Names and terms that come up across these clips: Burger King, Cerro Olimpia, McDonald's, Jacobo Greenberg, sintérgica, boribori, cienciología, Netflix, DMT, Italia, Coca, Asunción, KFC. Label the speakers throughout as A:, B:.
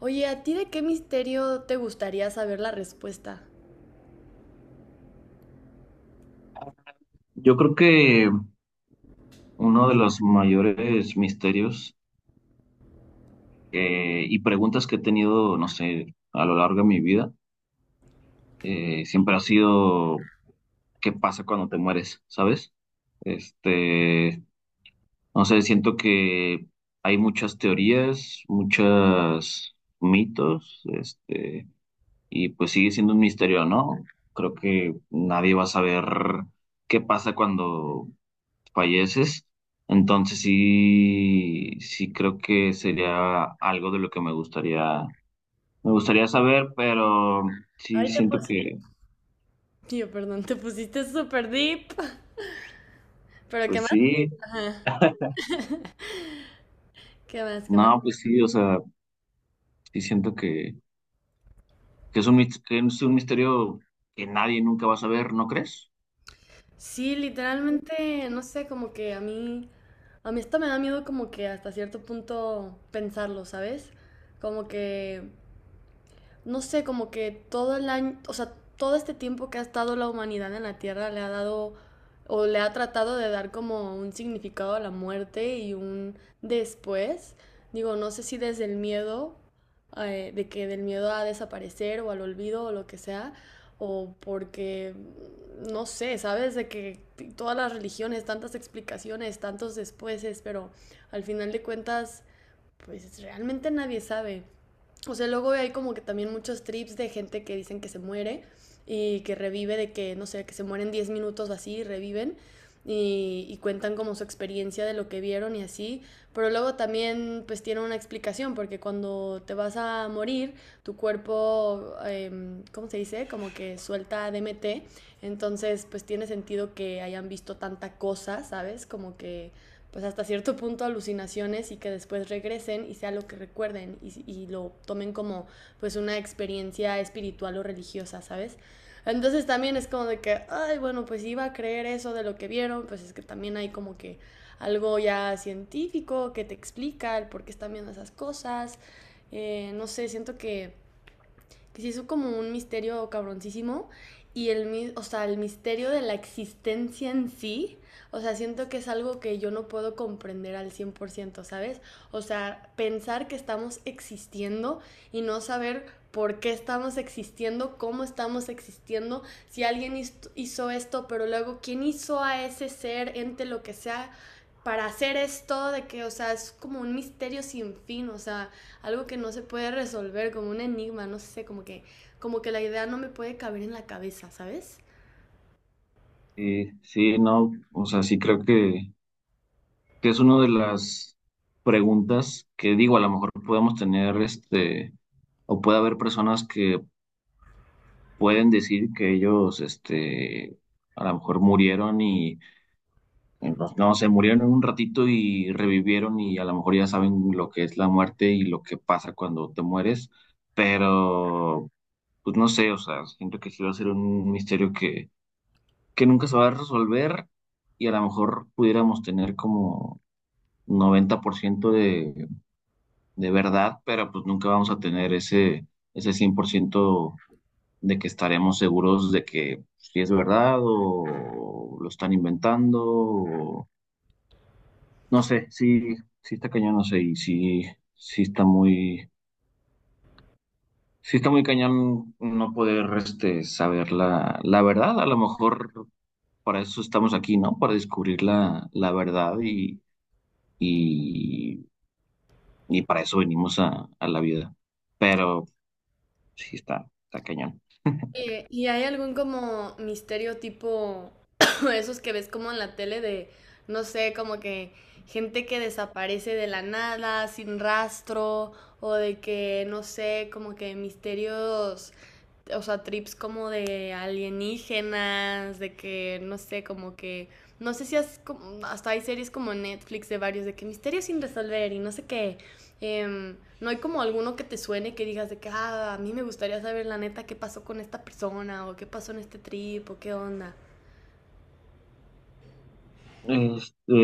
A: Oye, ¿a ti de qué misterio te gustaría saber la respuesta?
B: Yo creo que uno de los mayores misterios y preguntas que he tenido, no sé, a lo largo de mi vida, siempre ha sido ¿qué pasa cuando te mueres? ¿Sabes? Este, no sé, siento que hay muchas teorías, muchos mitos, y pues sigue siendo un misterio, ¿no? Creo que nadie va a saber qué pasa cuando falleces. Entonces sí, sí creo que sería algo de lo que me gustaría saber, pero sí
A: Ay,
B: siento que,
A: Tío, perdón, te pusiste súper deep. ¿Pero qué
B: pues
A: más?
B: sí,
A: Ajá. ¿Qué más? ¿Qué más?
B: no, pues sí, o sea, sí siento que, que es un misterio que nadie nunca va a saber, ¿no crees?
A: Sí, literalmente, no sé, como que a mí esto me da miedo como que hasta cierto punto pensarlo, ¿sabes? Como que... no sé, como que todo el año, o sea, todo este tiempo que ha estado la humanidad en la Tierra le ha dado o le ha tratado de dar como un significado a la muerte y un después. Digo, no sé si desde el miedo, de que del miedo a desaparecer o al olvido o lo que sea, o porque, no sé, sabes, de que todas las religiones, tantas explicaciones, tantos despuéses, pero al final de cuentas, pues realmente nadie sabe. O sea, luego hay como que también muchos trips de gente que dicen que se muere y que revive de que, no sé, que se mueren 10 minutos o así y reviven y cuentan como su experiencia de lo que vieron y así. Pero luego también pues tiene una explicación porque cuando te vas a morir, tu cuerpo, ¿cómo se dice? Como que suelta DMT. Entonces pues tiene sentido que hayan visto tanta cosa, ¿sabes? Como que pues hasta cierto punto alucinaciones y que después regresen y sea lo que recuerden y lo tomen como pues una experiencia espiritual o religiosa, ¿sabes? Entonces también es como de que, ay, bueno, pues iba a creer eso de lo que vieron, pues es que también hay como que algo ya científico que te explica el por qué están viendo esas cosas. No sé, siento que se hizo como un misterio cabroncísimo y o sea, el misterio de la existencia en sí, o sea, siento que es algo que yo no puedo comprender al 100%, ¿sabes? O sea, pensar que estamos existiendo y no saber por qué estamos existiendo, cómo estamos existiendo, si alguien hizo esto, pero luego quién hizo a ese ser, ente, lo que sea, para hacer esto, de que, o sea, es como un misterio sin fin, o sea, algo que no se puede resolver, como un enigma, no sé, como que la idea no me puede caber en la cabeza, ¿sabes?
B: Sí, sí, no, o sea, sí creo que es una de las preguntas que digo, a lo mejor podemos tener o puede haber personas que pueden decir que ellos, a lo mejor murieron y, pues, no sé, murieron en un ratito y revivieron y a lo mejor ya saben lo que es la muerte y lo que pasa cuando te mueres, pero, pues no sé, o sea, siento que sí va a ser un misterio que nunca se va a resolver y a lo mejor pudiéramos tener como 90% de verdad, pero pues nunca vamos a tener ese, ese 100% de que estaremos seguros de que pues, si es verdad o lo están inventando. No sé, sí, sí está cañón, no sé, y sí, sí está muy, sí está muy cañón no poder saber la, la verdad. A lo mejor para eso estamos aquí, ¿no? Para descubrir la, la verdad y, y para eso venimos a la vida. Pero sí está, está cañón.
A: ¿Y hay algún como misterio tipo esos que ves como en la tele de, no sé, como que gente que desaparece de la nada, sin rastro, o de que, no sé, como que misterios, o sea, trips como de alienígenas, de que, no sé, como que, no sé si has, como, hasta hay series como Netflix de varios, de que misterios sin resolver y no sé qué? ¿No hay como alguno que te suene que digas de que, ah, a mí me gustaría saber la neta qué pasó con esta persona o qué pasó en este trip o qué onda?
B: Este,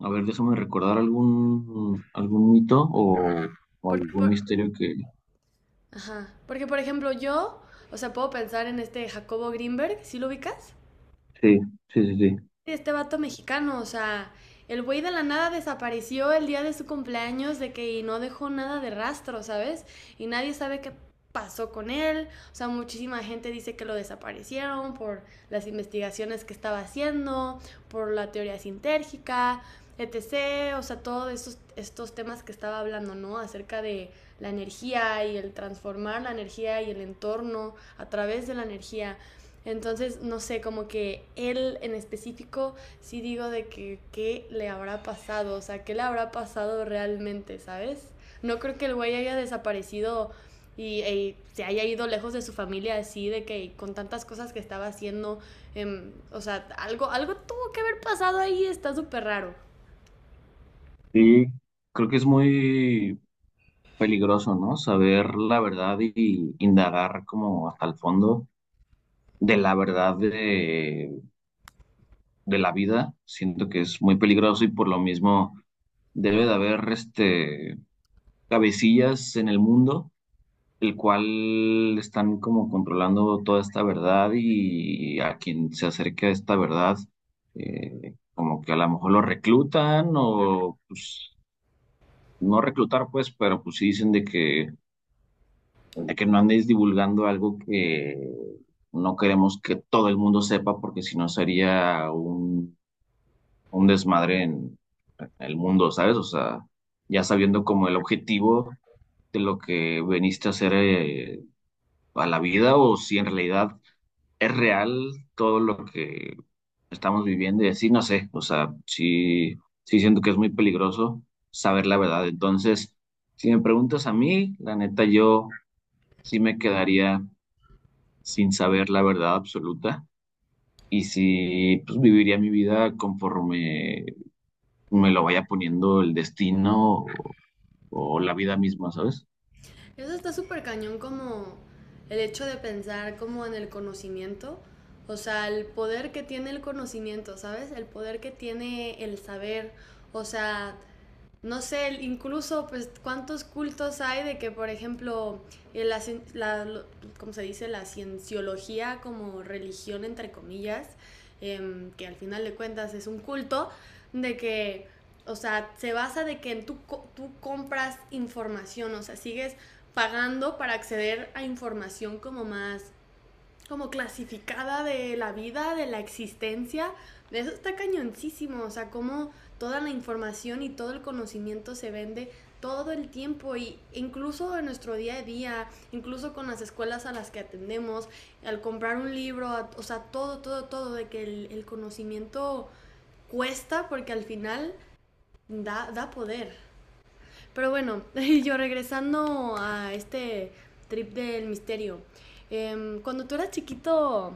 B: A ver, déjame recordar algún, algún mito o
A: Porque,
B: algún misterio que...
A: ajá, porque por ejemplo yo, o sea, puedo pensar en este Jacobo Greenberg, ¿sí lo ubicas?
B: Sí, sí, sí, sí.
A: Este vato mexicano, o sea, el güey de la nada desapareció el día de su cumpleaños de que y no dejó nada de rastro, ¿sabes? Y nadie sabe qué pasó con él, o sea, muchísima gente dice que lo desaparecieron por las investigaciones que estaba haciendo, por la teoría sintérgica, etc., o sea, todos estos temas que estaba hablando, ¿no? Acerca de la energía y el transformar la energía y el entorno a través de la energía. Entonces, no sé, como que él en específico, sí digo de que qué le habrá pasado, o sea, qué le habrá pasado realmente, ¿sabes? No creo que el güey haya desaparecido y se haya ido lejos de su familia así, de que con tantas cosas que estaba haciendo, o sea, algo tuvo que haber pasado ahí, está súper raro.
B: Sí, creo que es muy peligroso, ¿no? Saber la verdad y indagar como hasta el fondo de la verdad de la vida. Siento que es muy peligroso y por lo mismo debe de haber cabecillas en el mundo el cual están como controlando toda esta verdad y a quien se acerque a esta verdad, como que a lo mejor lo reclutan o pues no reclutar pues, pero pues sí dicen de que no andes divulgando algo que no queremos que todo el mundo sepa porque si no sería un desmadre en el mundo, ¿sabes? O sea, ya sabiendo como el objetivo de lo que veniste a hacer a la vida o si en realidad es real todo lo que estamos viviendo y así, no sé, o sea, sí, sí siento que es muy peligroso saber la verdad. Entonces, si me preguntas a mí, la neta, yo sí me quedaría sin saber la verdad absoluta y sí, pues viviría mi vida conforme me lo vaya poniendo el destino o la vida misma, ¿sabes?
A: Eso está súper cañón como el hecho de pensar como en el conocimiento, o sea, el poder que tiene el conocimiento, ¿sabes? El poder que tiene el saber, o sea, no sé, incluso pues cuántos cultos hay de que, por ejemplo, la, cien, la lo- ¿cómo se dice? La cienciología como religión, entre comillas, que al final de cuentas es un culto, de que... O sea, se basa de que tú compras información, o sea, sigues pagando para acceder a información como más, como clasificada de la vida, de la existencia. De eso está cañoncísimo, o sea, cómo toda la información y todo el conocimiento se vende todo el tiempo y incluso en nuestro día a día, incluso con las escuelas a las que atendemos, al comprar un libro, o sea, todo, de que el conocimiento cuesta porque al final da poder. Pero bueno, yo regresando a este trip del misterio. Cuando tú eras chiquito,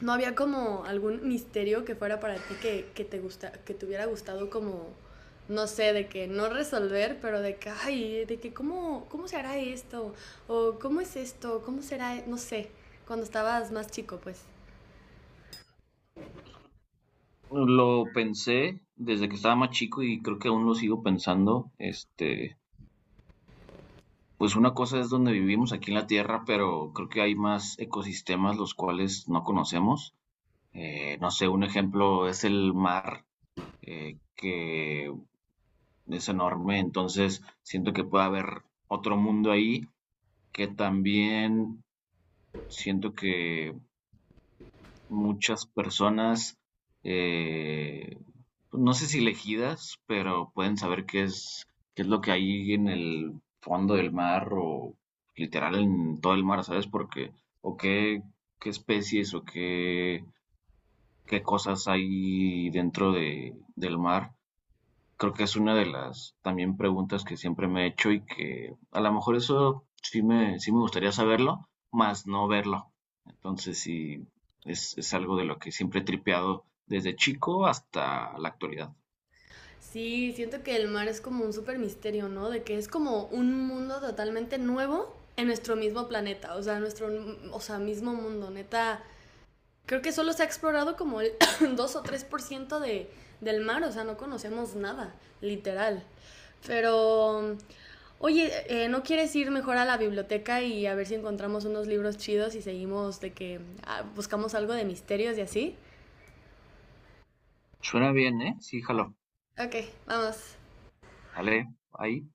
A: ¿no había como algún misterio que fuera para ti que te hubiera gustado como, no sé, de que no resolver, pero de que, ay, de que cómo se hará esto? ¿O cómo es esto? ¿Cómo será? No sé, cuando estabas más chico, pues.
B: Lo pensé desde que estaba más chico y creo que aún lo sigo pensando, este. Pues una cosa es donde vivimos aquí en la Tierra, pero creo que hay más ecosistemas los cuales no conocemos. No sé, un ejemplo es el mar, que es enorme, entonces siento que puede haber otro mundo ahí que también siento que muchas personas, eh, no sé si elegidas, pero pueden saber qué es lo que hay en el fondo del mar o literal en todo el mar, ¿sabes? Porque, o qué, qué especies o qué, qué cosas hay dentro de, del mar. Creo que es una de las también preguntas que siempre me he hecho y que a lo mejor eso sí me gustaría saberlo, más no verlo. Entonces sí, es algo de lo que siempre he tripeado desde chico hasta la actualidad.
A: Sí, siento que el mar es como un super misterio, ¿no? De que es como un mundo totalmente nuevo en nuestro mismo planeta, o sea, nuestro o sea, mismo mundo, neta. Creo que solo se ha explorado como el 2 o tres por ciento de, del mar, o sea, no conocemos nada, literal. Pero, oye, ¿no quieres ir mejor a la biblioteca y a ver si encontramos unos libros chidos y seguimos de que ah, buscamos algo de misterios y así?
B: Suena bien, ¿eh? Sí, jalo.
A: Ok, vamos.
B: Sale ahí.